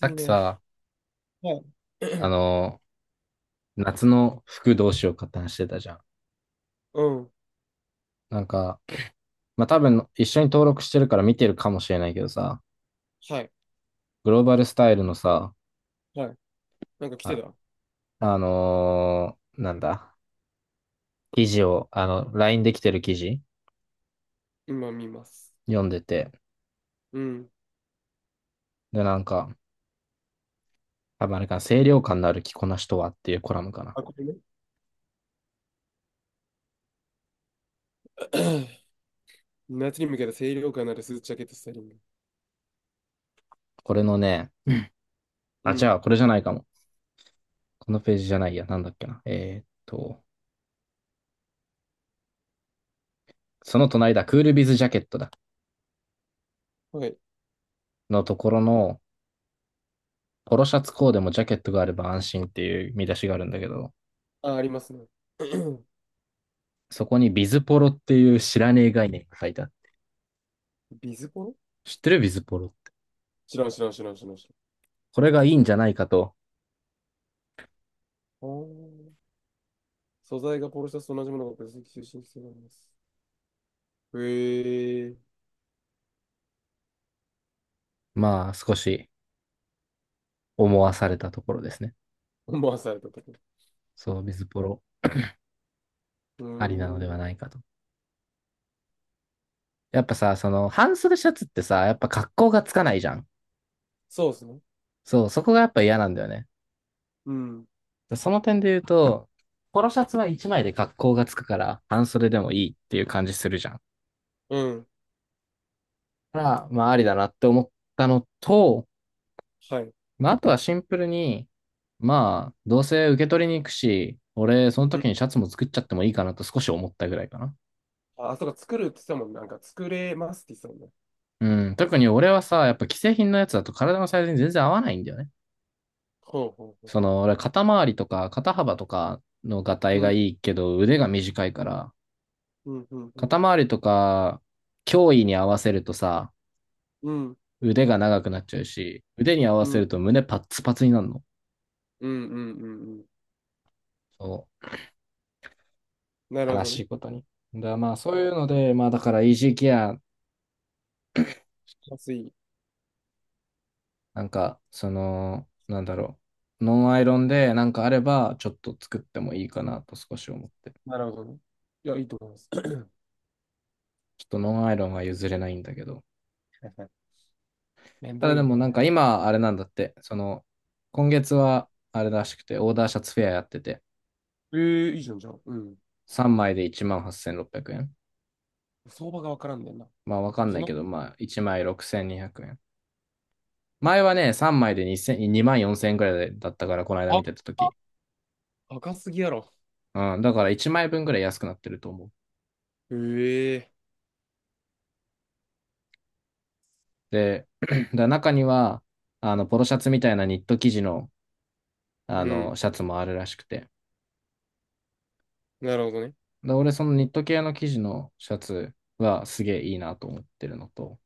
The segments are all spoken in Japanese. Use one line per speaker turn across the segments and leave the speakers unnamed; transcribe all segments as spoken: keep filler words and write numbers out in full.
さっ
い
き
ね。
さ、
はい。
あ の、夏の服どうしようかって話してたじゃん。
うん。
なんか、まあ、多分一緒に登録してるから見てるかもしれないけどさ、
はい。
グローバルスタイルのさ、
はい。なんか来て
あ、
た
あのーなんだ、記事を、あの、ライン できてる記事
今見ます。
読んでて、
うん。
で、なんか、多分あれかな、清涼感のある着こなしとはっていうコラムかな。
あ、これね。夏に向けた清涼感のあるスーツジャケットスタイリング。
これのね、
う
あ、じゃ
ん。
あこれじゃないかも。このページじゃないや、なんだっけな。えーっと、その隣だ、クールビズジャケットだ。
はい。
のところの、ポロシャツコーデもジャケットがあれば安心っていう見出しがあるんだけど、
あ、ありますね。
そこにビズポロっていう知らねえ概念が書いてある。
ビズポロ、
知ってるビズポロって。
知らん知らん知らん知らん知らん。
これがいいんじゃないかと、
あー、素材がポロシャツと同じものが分析中心してるんです。へえ。
まあ少し思わされたところですね。
思わされたとこ、
そう、ビズポロ
うー
ありなのでは
ん。
ないかと。やっぱさ、その半袖シャツってさ、やっぱ格好がつかないじゃん。
そうですね。
そう、そこがやっぱ嫌なんだよね。
うん。
その点で言うと、ポロシャツはいちまいで格好がつくから、半袖でもいいっていう感じするじゃん。
うん。
だから、まあありだなって思ったのと、
はい。
まあ、あとはシンプルに、まあ、どうせ受け取りに行くし、俺、その
うん。
時にシャツも作っちゃってもいいかなと少し思ったぐらいかな。
あ、そうか、作るって言ってたもんね。なんか、作れますって言ってたもんね。
うん、特に俺はさ、やっぱ既製品のやつだと体のサイズに全然合わないんだよね。
ほうほうほう。
その、俺、肩周りとか肩幅とかのがたい
う
が
ん、
いいけど、腕が短いから、
うん、うん、う
肩
ん、
周りとか、胸囲に合わせるとさ、
うん、
腕が長くなっちゃうし、腕に合わ
うん、う
せ
ん、
ると胸パッツパツになるの。
うん、うん、うん、
そ
な
う、
るほ
悲
ど
し
ね。
いことに。だからまあ、そういうので、まあ、だから、イージーケア
安い。
なんか、その、なんだろう。ノンアイロンでなんかあれば、ちょっと作ってもいいかなと少し思って。
なるほどね。いや、いいと思います。
ちょっとノンアイロンは譲れないんだけど。
はい、はい、めん
た
ど
だで
い
もなん
ね。
か今、あれなんだって、その、今月はあれらしくて、オーダーシャツフェアやってて、
え、えいいじゃん、じゃあ。うん。
さんまいでいちまんはっせんろっぴゃくえん。
相場がわからんねんな。
まあわかん
そ
ない
の、
けど、まあいちまいろくせんにひゃくえん。前はね、さんまいでに ぜろ ぜろまんよんせんえんくらいだったから、この間
あ、
見てた
あ、
時。
高すぎやろ。
うん、だからいちまいぶんぐらい安くなってると思う。
え、え、
で、だ中には、あの、ポロシャツみたいなニット生地の、
う
あの、
ん。
シャツもあるらしくて。
なるほどね。
で、俺、そのニット系の生地のシャツはすげえいいなと思ってるのと。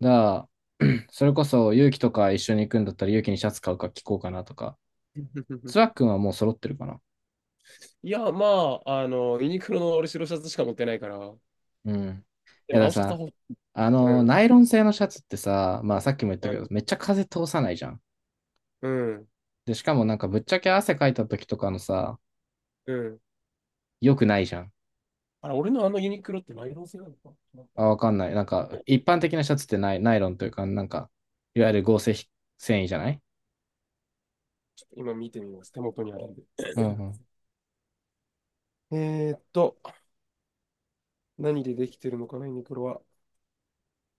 だから、それこそ、勇気とか一緒に行くんだったら、勇気にシャツ買うか聞こうかなとか。つわ っくんはもう揃ってるかな。
いや、まあ、あの、ユニクロの俺白シャツしか持ってないから、
うん。い
で
や、だか
も
ら
青シャツは
さ、
ほ、
あ
う
の、
ん、
ナイロン製のシャツってさ、まあ、さっきも言っ
う
たけ
ん、
ど、めっちゃ風通さないじゃん。
うん。
で、しかもなんか、ぶっちゃけ汗かいた時とかのさ、
うん、
良くないじゃん。
あれ、俺のあのユニクロってナイロン製なのかな。
あ、わかんない。なんか、一般的なシャツってナイ、ナイロンというか、なんか、いわゆる合成繊維じゃない
今見てみます。手元にあるんで。
うんうん。
えーっと、何でできてるのかな、ユニクロは。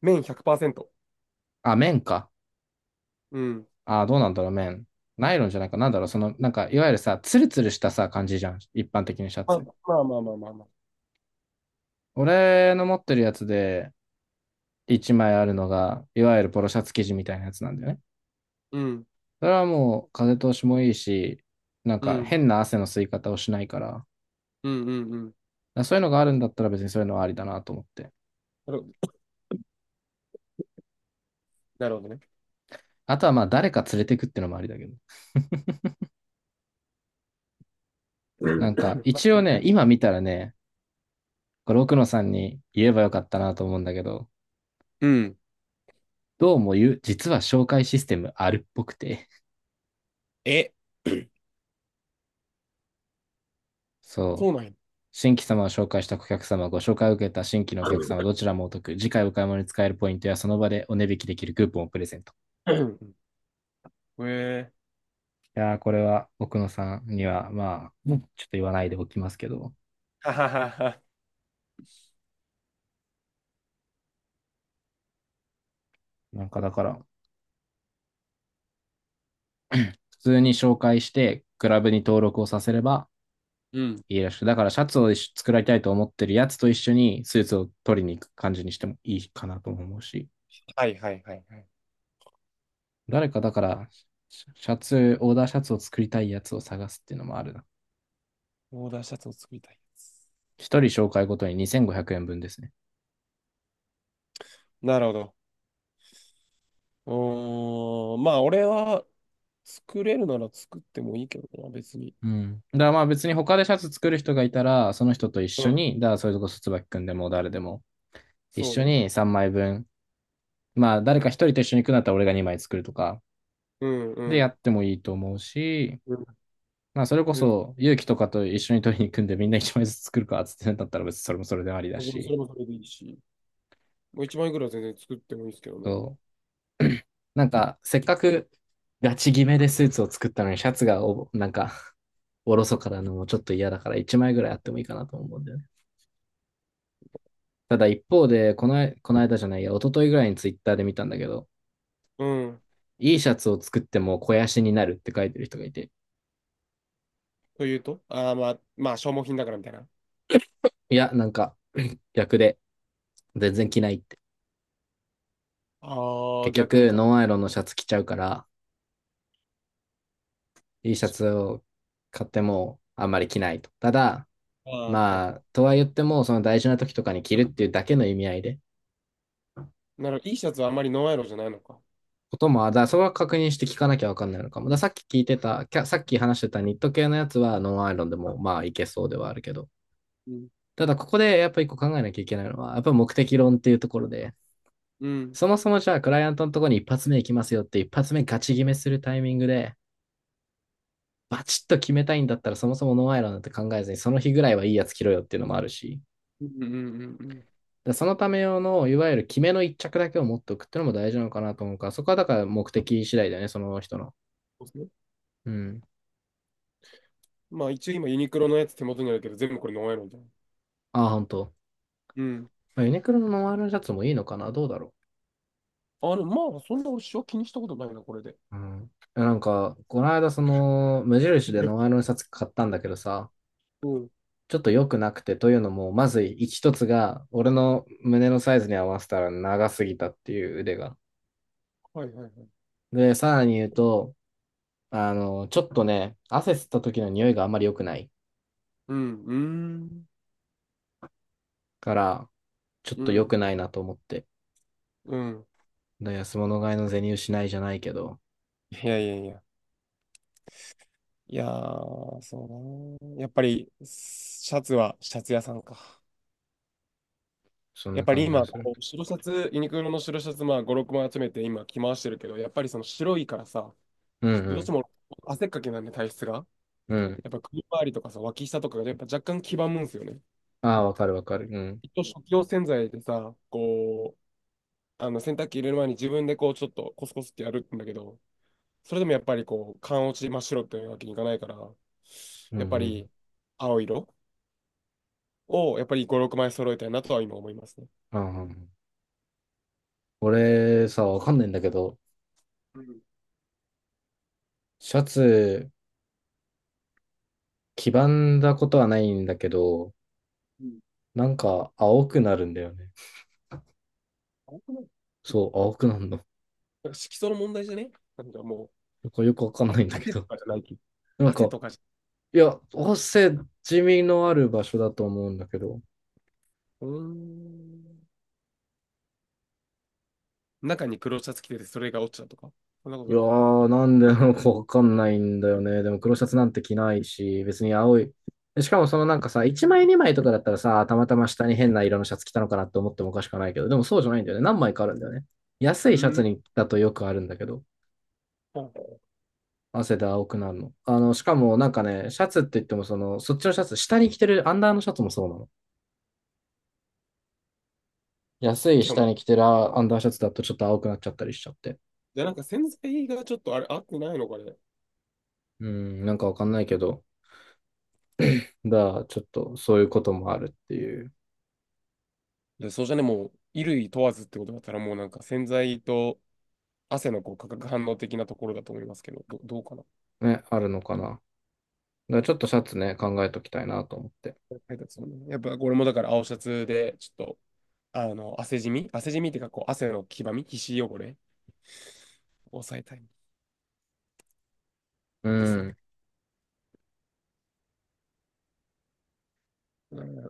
綿ひゃくパーセント。
あ、綿か。
うん。
あ、どうなんだろう、綿。ナイロンじゃないか。なんだろう、その、なんか、いわゆるさ、ツルツルしたさ、感じじゃん。一般的なシャ
まあ、
ツ。
まあまあまあまあまあ。
俺の持ってるやつで、一枚あるのが、いわゆるポロシャツ生地みたいなやつなんだよね。
うん。
それはもう、風通しもいいし、なん
う
か、
ん。
変な汗の吸い方をしないから、
うん。うん。うん。
そういうのがあるんだったら別にそういうのはありだなと思って。
なるほど、なるほどね。
あとはまあ、誰か連れてくってのもありだけど。
うん。
なんか、
まあ、
一応
みた
ね、
い、
今見たらね、これ奥野さんに言えばよかったなと思うんだけど、
うん。
どうも言う、実は紹介システムあるっぽくて、
え、そ
そ
う
う。
なんや。
新規様を紹介した顧客様、ご紹介を受けた新規のお客様、
の、
どちらもお得。次回お買い物に使えるポイントや、その場でお値引きできるクーポンをプレゼント。
うん。え、
いやー、これは奥野さんには、まあ、もうちょっと言
オッ
わな
ケ
い
ー。o、
でおきますけど、
はははは。
なんかだから、普通に紹介して、クラブに登録をさせれば、
うん。
いいらしい。だからシャツを一緒作られたいと思ってるやつと一緒にスーツを取りに行く感じにしてもいいかなと思うし、
はい、はい、はい、はい。
誰かだからシャツ、オーダーシャツを作りたいやつを探すっていうのもあるな。
オーダーシャツを作りたい。
一人紹介ごとににせんごひゃくえんぶんですね。
なるほど。うーん。まあ、俺は作れるなら作ってもいいけどな、別に。
うん。だからまあ別に他でシャツ作る人がいたら、その人と一
う
緒
ん。
に、だからそれこそ椿くんでも誰でも、一
そう
緒
ね。
にさんまいぶん、まあ誰か一人と一緒に行くんだったら俺がにまい作るとか、
うん、う
でや
ん。
ってもいいと思うし、まあ、それこ
うん。
そ、勇気とかと一緒に取りに行くんで、みんな一枚ずつ作るかっつってなったら別にそれもそれでありだ
全然、そ
し、
れもそれでいいし。もういちまんえん円ぐらいは全然作ってもいいですけどね。
そう なんか、せっかくガチ決めでスーツを作ったのに、シャツがお、なんか、おろそからのもちょっと嫌だから、一枚ぐらいあってもいいかなと思うんだよね。ただ一方で、この、この間じゃないや、一昨日ぐらいにツイッターで見たんだけど、
うん。
いいシャツを作っても肥やしになるって書いてる人がいて、
というと、ああー、まあ、まあ、消耗品だからみたいな。
いや、なんか、逆で、全然着ないって。
ああ、
結
逆に
局、
か。
ノンアイロンのシャツ着ちゃうから、いいシャツを買ってもあんまり着ないと。ただ、
ああ、はい、
ま
は
あ、とは言っても、その大事な時とかに着るっていうだけの意味合いで、
い。なら、いいシャツはあんまりノンアイロンじゃないのか。
ことも、だからそれは確認して聞かなきゃわかんないのかも。だからさっき聞いてた、さっき話してたニット系のやつはノンアイロンでもまあいけそうではあるけど、
うん。
ただここでやっぱ一個考えなきゃいけないのは、やっぱ目的論っていうところで、
うん。
そもそもじゃあクライアントのところに一発目行きますよって一発目ガチ決めするタイミングで、バチッと決めたいんだったらそもそもノンアイロンなんて考えずに、その日ぐらいはいいやつ着ろよっていうのもあるし、
うん、うん、うん、うん。
でそのため用の、いわゆる決めの一着だけを持っておくっていうのも大事なのかなと思うから、そこはだから目的次第だよね、その人の。
そうですね。
うん。
まあ、一応今、ユニクロのやつ手元にあるけど、全部これノンアイロンじゃん。
ああ、本当。
うん。
まあユニクロのノンアイロンシャツもいいのかな、どうだろ
あの、まあ、そんなしは気にしたことないな、これで。
う。うん。いやなんか、この間、その、無印
い
で
や、
ノンアイロンシャツ買ったんだけどさ、
うん。
ちょっと良くなくて、というのも、まず一つが、俺の胸のサイズに合わせたら長すぎたっていう腕が。
はい、はい、はい。
で、さらに言うと、あの、ちょっとね、汗吸った時の匂いがあんまり良くない
うん。うーん。
から、ちょっ
う
と良
ん。
くないなと思って。
うん。
だ安物買いの銭失いじゃないけど、
いや、いや、いや。いやー、そうだな。やっぱり、シャツはシャツ屋さんか。
そん
や
な
っぱり
感じが
今、
する。
こう白シャツ、ユニクロの白シャツ、まあ、ご、ろくまい集めて今着回してるけど、やっぱりその白いからさ、
う
ちょっとどうし
ん
ても汗っかきなんで体質が。
うん。うん。
やっぱ首周りとかさ、脇下とかがやっぱ若干黄ばむんですよね。
ああ、わかるわかる。うん。
一応食器用洗剤でさ、こう、あの洗濯機入れる前に自分でこうちょっとコスコスってやるんだけど、それでもやっぱりこう、缶落ち真っ白っていうわけにいかないから、
うんう
やっぱ
ん。
り青色をやっぱりご、ろくまい揃えたいなとは今思いますね。
ああ、うん俺さ、わかんないんだけど、
うん、
シャツ、黄ばんだことはないんだけど、
うん、
なんか青くなるんだよね。そう、青くなるの。
なんか色素の問題じゃね。なんかもう、
なんかよくわかん
あ、
ないんだけ
汗と
ど。
かじゃないき。
なん
汗
か、
とかじゃ、
いや、汗、地味のある場所だと思うんだけど、
うーん。中に黒シャツ着てて、それが落ちたとか。そんなこ
い
と
や
ない。
ー、なんでなのかわかんないんだよね。でも黒シャツなんて着ないし、別に青い。でしかもそのなんかさ、いちまいにまいとかだったらさ、たまたま下に変な色のシャツ着たのかなって思ってもおかしくはないけど、でもそうじゃないんだよね。何枚かあるんだよね。安
う
いシャ
ー
ツ
ん。
にだとよくあるんだけど、汗で青くなるの。あの、しかもなんかね、シャツって言ってもその、そっちのシャツ、下に着てるアンダーのシャツもそうなの。安い
じゃあも
下
う、
に着てるアンダーシャツだとちょっと青くなっちゃったりしちゃって。
じゃあなんか洗剤がちょっとあれ、合ってないのかね。
うん、なんかわかんないけど、だからちょっとそういうこともあるっていう、
いや、そうじゃね、もう、衣類問わずってことだったら、もうなんか洗剤と汗のこう化学反応的なところだと思いますけど、ど、どうかな。
ね、あるのかな。だからちょっとシャツね、考えときたいなと思って。
配達もねやっぱ、これもだから青シャツで、ちょっと、あの、汗じみ、汗じみっていうか、こう、汗の黄ばみ、皮脂汚れを抑えたい
う
ですね。
ん。
うん。